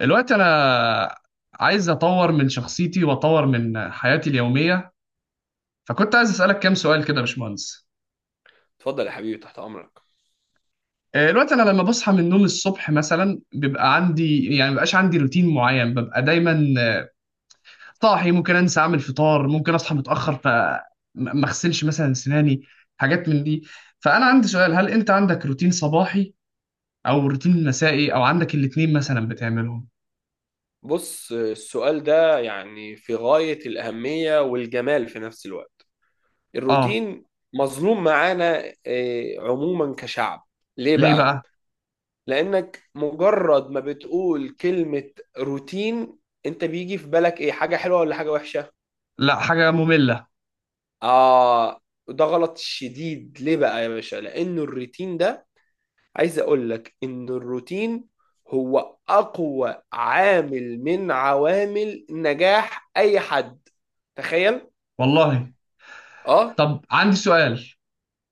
دلوقتي انا عايز اطور من شخصيتي واطور من حياتي اليوميه، فكنت عايز اسالك كام سؤال كده يا باشمهندس. اتفضل يا حبيبي، تحت امرك. دلوقتي انا لما بصحى من النوم الصبح مثلا بيبقى عندي يعني مبقاش عندي روتين معين، ببقى دايما صاحي، ممكن انسى اعمل فطار، ممكن اصحى متاخر فما اغسلش مثلا سناني، حاجات من دي. فانا عندي سؤال: هل انت عندك روتين صباحي او روتين مسائي او عندك الاتنين مثلا بتعملهم؟ بص، السؤال ده يعني في غاية الأهمية والجمال في نفس الوقت. اه. الروتين مظلوم معانا عموما كشعب. ليه ليه بقى؟ بقى؟ لأنك مجرد ما بتقول كلمة روتين، أنت بيجي في بالك إيه، حاجة حلوة ولا حاجة وحشة؟ لا حاجه ممله. آه، ده غلط شديد. ليه بقى يا باشا؟ لأن الروتين ده، عايز اقول لك ان الروتين هو اقوى عامل من عوامل نجاح اي حد. تخيل. والله. اه. طب عندي سؤال: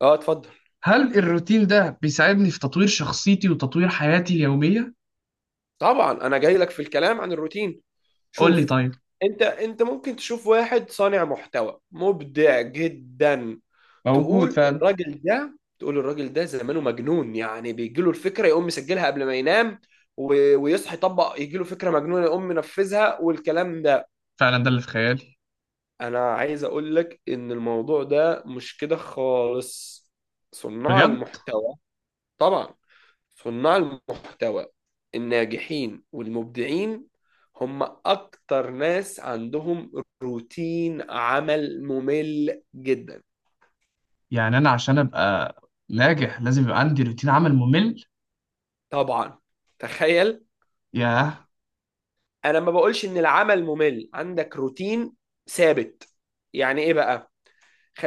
اه اتفضل. هل الروتين ده بيساعدني في تطوير شخصيتي وتطوير حياتي اليومية؟ طبعا انا جاي لك في الكلام عن الروتين. قول لي شوف، طيب. انت ممكن تشوف واحد صانع محتوى مبدع جدا، موجود تقول فعلا. الراجل ده تقول الراجل ده زمانه مجنون، يعني بيجيله الفكرة يقوم مسجلها قبل ما ينام ويصحى يطبق، يجيله فكرة مجنونة يقوم منفذها والكلام ده. فعلا ده اللي في خيالي. انا عايز اقول لك ان الموضوع ده مش كده خالص. صناع بجد. المحتوى، طبعا، صناع المحتوى الناجحين والمبدعين هم اكتر ناس عندهم روتين عمل ممل جدا. يعني انا عشان ابقى ناجح لازم يبقى عندي روتين عمل ممل؟ طبعا، تخيل. ياه. انا ما بقولش ان العمل ممل، عندك روتين ثابت. يعني ايه بقى؟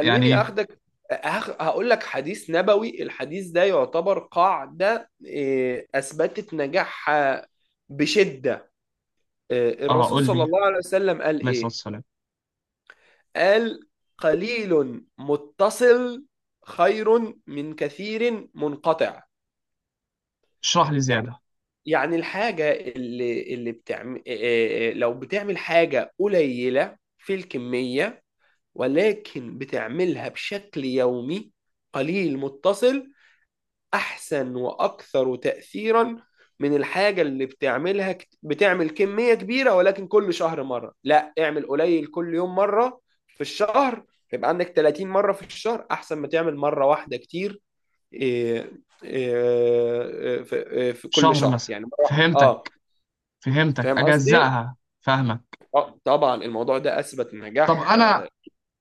يعني ايه؟ اخدك. هقول لك حديث نبوي. الحديث ده يعتبر قاعدة اثبتت نجاحها بشدة. اه، الرسول قول صلى لي. الله عليه وسلم قال عليه الصلاه ايه؟ والسلام. قال: قليل متصل خير من كثير منقطع. اشرح لي يعني زياده. يعني الحاجة اللي بتعمل، لو بتعمل حاجة قليلة في الكمية، ولكن بتعملها بشكل يومي، قليل متصل، احسن واكثر تاثيرا من الحاجه اللي بتعملها بتعمل كميه كبيره ولكن كل شهر مره. لا، اعمل قليل كل يوم مره في الشهر، يبقى عندك 30 مره في الشهر، احسن ما تعمل مره واحده كتير إيه، إيه، في آه، في كل شهر شهر مثلا. يعني مره واحدة. اه. فهمتك، فهمتك، فاهم قصدي؟ اجزأها، فاهمك. اه طبعا، الموضوع ده اثبت طب نجاح. انا اه.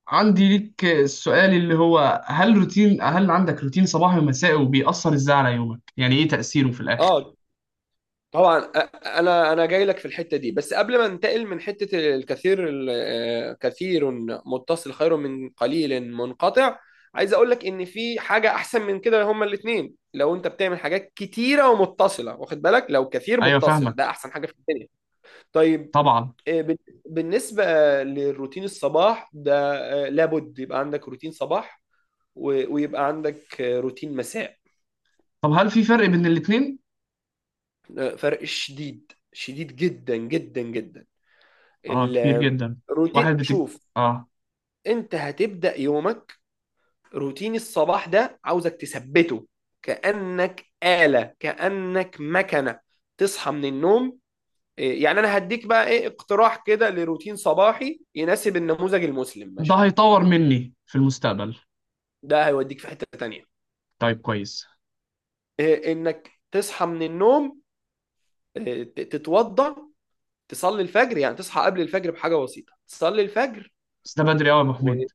عندي ليك السؤال اللي هو هل روتين هل عندك روتين صباحي ومسائي، وبيأثر ازاي على يومك؟ يعني ايه تأثيره في الاخر؟ آه، طبعا. انا جاي لك في الحته دي، بس قبل ما ننتقل من حته الكثير كثير متصل خير من قليل منقطع، عايز اقول لك ان في حاجه احسن من كده، هما الاثنين. لو انت بتعمل حاجات كتيره ومتصله، واخد بالك، لو كثير ايوه متصل، ده فاهمك. احسن حاجه في الدنيا. طيب، طبعا. آه، بال- بالنسبه للروتين الصباح ده، لابد يبقى عندك روتين صباح، ويبقى عندك روتين مساء. طب هل في فرق بين الاتنين؟ فرق شديد، شديد جدا جدا جدا. اه كبير جدا. واحد الروتين، بتج... شوف، اه. انت هتبدأ يومك. روتين الصباح ده عاوزك تثبته كأنك آلة، كأنك مكنة. تصحى من النوم، يعني انا هديك بقى ايه اقتراح كده لروتين صباحي يناسب النموذج المسلم، ده ماشي؟ هيطور مني في المستقبل. ده هيوديك في حتة تانية. طيب كويس. انك تصحى من النوم، تتوضى، تصلي الفجر، يعني تصحى قبل الفجر بحاجة بسيطة، تصلي الفجر. بس ده بدري قوي يا ابو و- حميد.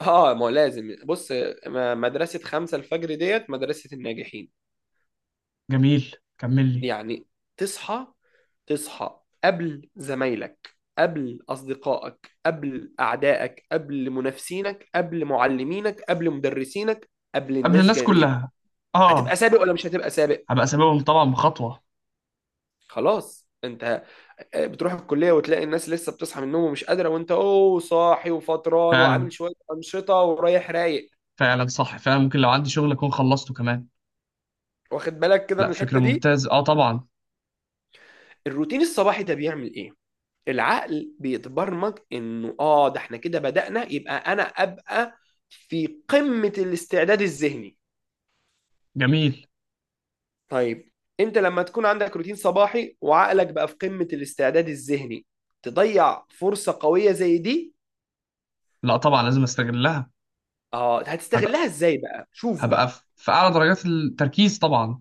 اه، ما هو لازم. بص، مدرسة خمسة الفجر ديت مدرسة الناجحين. جميل، كمل لي. يعني تصحى، تصحى قبل زمايلك، قبل أصدقائك، قبل أعدائك، قبل منافسينك، قبل معلمينك، قبل مدرسينك، قبل قبل الناس الناس جميعا. كلها. اه. هتبقى سابق ولا مش هتبقى سابق؟ هبقى سببهم طبعا بخطوة. خلاص، انت بتروح الكلية وتلاقي الناس لسه بتصحى من النوم ومش قادرة، وانت اوه صاحي وفطران فعلا. وعامل شوية أنشطة ورايح رايق. فعلا صح، فعلا ممكن لو عندي شغل اكون خلصته كمان. واخد بالك كده لا من فكرة الحتة دي؟ ممتازة، اه طبعا. الروتين الصباحي ده بيعمل ايه؟ العقل بيتبرمج انه اه ده احنا كده بدأنا، يبقى انا ابقى في قمة الاستعداد الذهني. جميل. طيب، انت لما تكون عندك روتين صباحي وعقلك بقى في قمة الاستعداد الذهني، تضيع فرصة قوية زي دي؟ لا طبعا لازم استغلها. اه، هبقى هتستغلها ازاي بقى؟ شوف هبقى في بقى، اعلى درجات التركيز طبعا.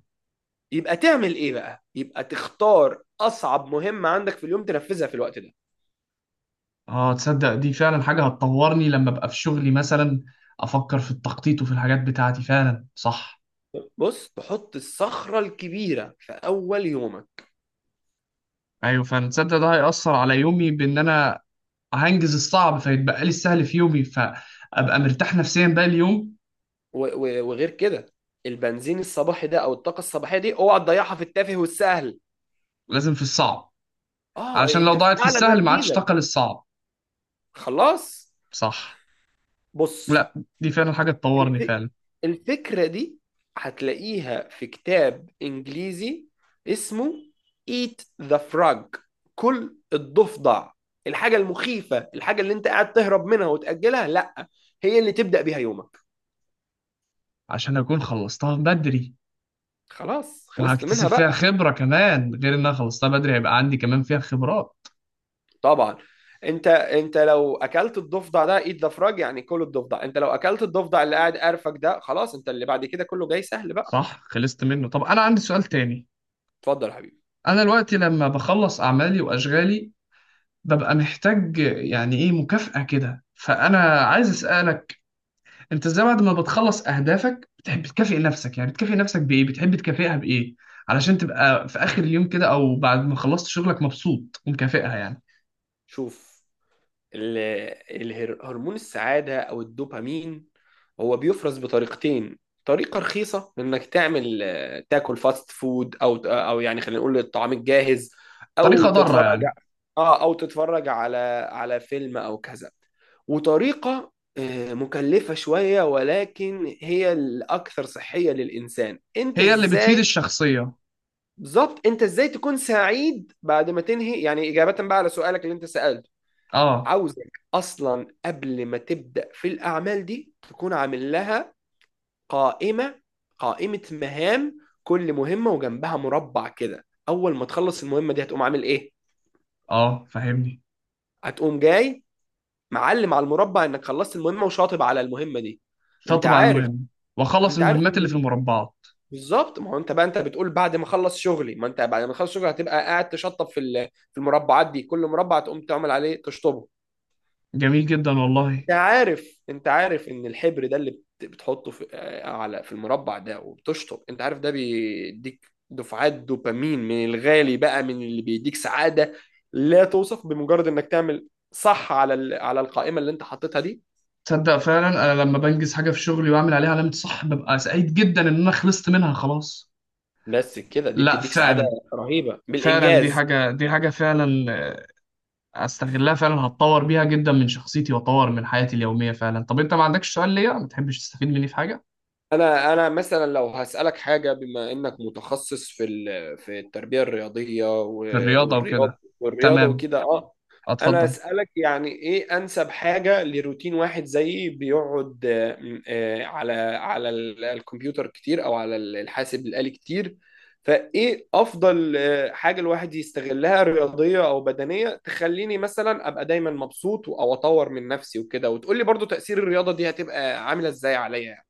يبقى تعمل ايه بقى؟ يبقى تختار اصعب مهمة عندك في اليوم، تنفذها في الوقت ده. اه تصدق دي فعلا حاجة هتطورني لما ابقى في شغلي مثلا، افكر في التخطيط وفي الحاجات بتاعتي، فعلا صح. بص، تحط الصخرة الكبيرة في اول يومك. ايوه فعلا، تصدق ده هيأثر على يومي بان انا هنجز الصعب فيتبقى لي السهل في يومي، فابقى مرتاح نفسيا بقى اليوم. وغير كده، البنزين الصباحي ده او الطاقه الصباحيه دي اوعى تضيعها في التافه والسهل. لازم في الصعب. اه، علشان لو انت في ضاعت في اعلى السهل ما عادش تركيزك. طاقة للصعب. خلاص. صح. بص، لا دي فعلا حاجة تطورني الف- فعلا. الفكره دي هتلاقيها في كتاب انجليزي اسمه Eat the Frog، كل الضفدع. الحاجه المخيفه، الحاجه اللي انت قاعد تهرب منها وتاجلها، لا، هي اللي تبدا بيها يومك. عشان اكون خلصتها بدري، خلاص، خلصت وهكتسب منها فيها بقى. خبرة كمان، غير ان انا خلصتها بدري هيبقى عندي كمان فيها خبرات. طبعا، انت لو اكلت الضفدع ده ايد ضفرج يعني كل الضفدع، انت لو اكلت الضفدع اللي قاعد قرفك ده خلاص، انت اللي بعد كده كله جاي سهل بقى. صح خلصت منه. طب انا عندي سؤال تاني. اتفضل يا حبيبي. انا دلوقتي لما بخلص اعمالي واشغالي ببقى محتاج يعني ايه مكافأة كده، فانا عايز اسالك انت ازاي بعد ما بتخلص اهدافك بتحب تكافئ نفسك؟ يعني بتكافئ نفسك بايه؟ بتحب تكافئها بايه علشان تبقى في اخر اليوم كده او بعد ما خلصت شغلك مبسوط ومكافئها يعني؟ شوف، ال- هرمون السعادة أو الدوبامين هو بيفرز بطريقتين: طريقة رخيصة إنك تعمل تاكل فاست فود، أو يعني خلينا نقول الطعام الجاهز، أو طريقة ضارة تتفرج، يعني. آه، أو تتفرج على على فيلم أو كذا. وطريقة مكلفة شوية ولكن هي الأكثر صحية للإنسان. أنت هي اللي بتفيد إزاي، الشخصية. بالظبط، أنت إزاي تكون سعيد بعد ما تنهي، يعني إجابة بقى على سؤالك اللي أنت سألته: اه. عاوزك اصلا قبل ما تبدا في الاعمال دي تكون عامل لها قائمه، قائمه مهام، كل مهمه وجنبها مربع كده. اول ما تخلص المهمه دي هتقوم عامل ايه؟ اه فاهمني. هتقوم جاي معلم على المربع انك خلصت المهمه، وشاطب على المهمه دي. انت شاطب على عارف، المهم. واخلص انت عارف المهمات اللي في ان المربعات. بالظبط ما هو انت بقى، انت بتقول بعد ما اخلص شغلي، ما انت بعد ما اخلص شغلي هتبقى قاعد تشطب في في المربعات دي، كل مربع تقوم تعمل عليه تشطبه. جميل جدا والله. انت عارف ان الحبر ده اللي بتحطه في على في المربع ده وبتشطب، انت عارف ده بيديك دفعات دوبامين من الغالي بقى، من اللي بيديك سعادة لا توصف، بمجرد انك تعمل صح على على القائمة اللي انت حاططها دي. تصدق فعلا انا لما بنجز حاجه في شغلي واعمل عليها علامه صح ببقى سعيد جدا ان انا خلصت منها خلاص. بس كده دي لا بتديك سعادة فعلا. رهيبة فعلا دي بالانجاز. حاجه، دي حاجه فعلا استغلها فعلا، هتطور بيها جدا من شخصيتي واطور من حياتي اليوميه فعلا. طب انت ما عندكش سؤال ليا؟ ما تحبش تستفيد مني في حاجه؟ انا مثلا لو هسالك حاجه، بما انك متخصص في في التربيه الرياضيه في الرياضه والرياضه وكده. والرياضه تمام. وكده، اه، انا اتفضل. اسالك يعني ايه انسب حاجه لروتين واحد زيي بيقعد على الكمبيوتر كتير او على الحاسب الالي كتير؟ فايه افضل حاجه الواحد يستغلها رياضيه او بدنيه، تخليني مثلا ابقى دايما مبسوط او اطور من نفسي وكده؟ وتقول لي برضو تاثير الرياضه دي هتبقى عامله ازاي عليا يعني.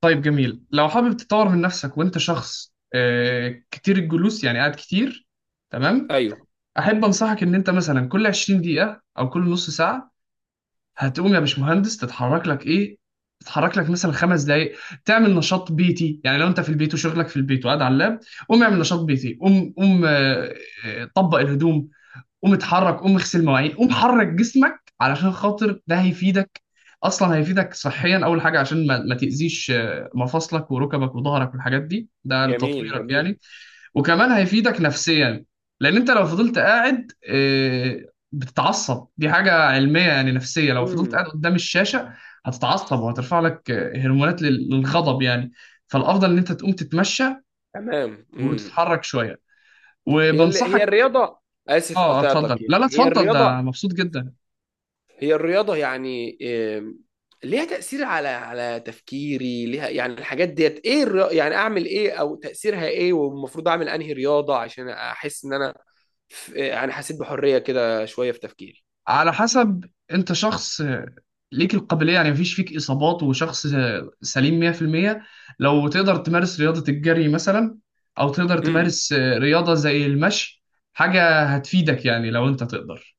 طيب جميل. لو حابب تطور من نفسك وانت شخص كتير الجلوس، يعني قاعد كتير. تمام. ايوه. احب انصحك ان انت مثلا كل 20 دقيقه او كل نص ساعه هتقوم يا باشمهندس تتحرك لك ايه، تتحرك لك مثلا 5 دقايق، تعمل نشاط بيتي. يعني لو انت في البيت وشغلك في البيت وقاعد على اللاب، قوم اعمل نشاط بيتي، قوم طبق الهدوم، قوم اتحرك، قوم اغسل مواعين، قوم حرك جسمك، علشان خاطر ده هيفيدك. اصلا هيفيدك صحيا اول حاجه عشان ما تاذيش مفاصلك وركبك وظهرك والحاجات دي، ده جميل، لتطويرك يعني. جميل. وكمان هيفيدك نفسيا، لان انت لو فضلت قاعد بتتعصب. دي حاجه علميه يعني نفسيه، لو فضلت امم قاعد قدام الشاشه هتتعصب وهترفع لك هرمونات للغضب يعني. فالافضل ان انت تقوم تتمشى تمام. وتتحرك شويه. هي اللي، هي وبنصحك. الرياضه، اسف اه اتفضل، قطعتك، يعني لا لا هي اتفضل، ده الرياضه، مبسوط جدا. هي الرياضه يعني، إم، ليها تاثير على على تفكيري؟ ليها يعني الحاجات ديت ايه يعني اعمل ايه او تاثيرها ايه؟ والمفروض اعمل انهي رياضه عشان احس ان انا في... يعني حسيت بحريه كده شويه في تفكيري. على حسب، انت شخص ليك القابلية يعني مفيش فيك إصابات وشخص سليم 100%، لو تقدر تمارس رياضة الجري مثلا، أو تقدر تمارس رياضة زي المشي، حاجة هتفيدك يعني لو انت تقدر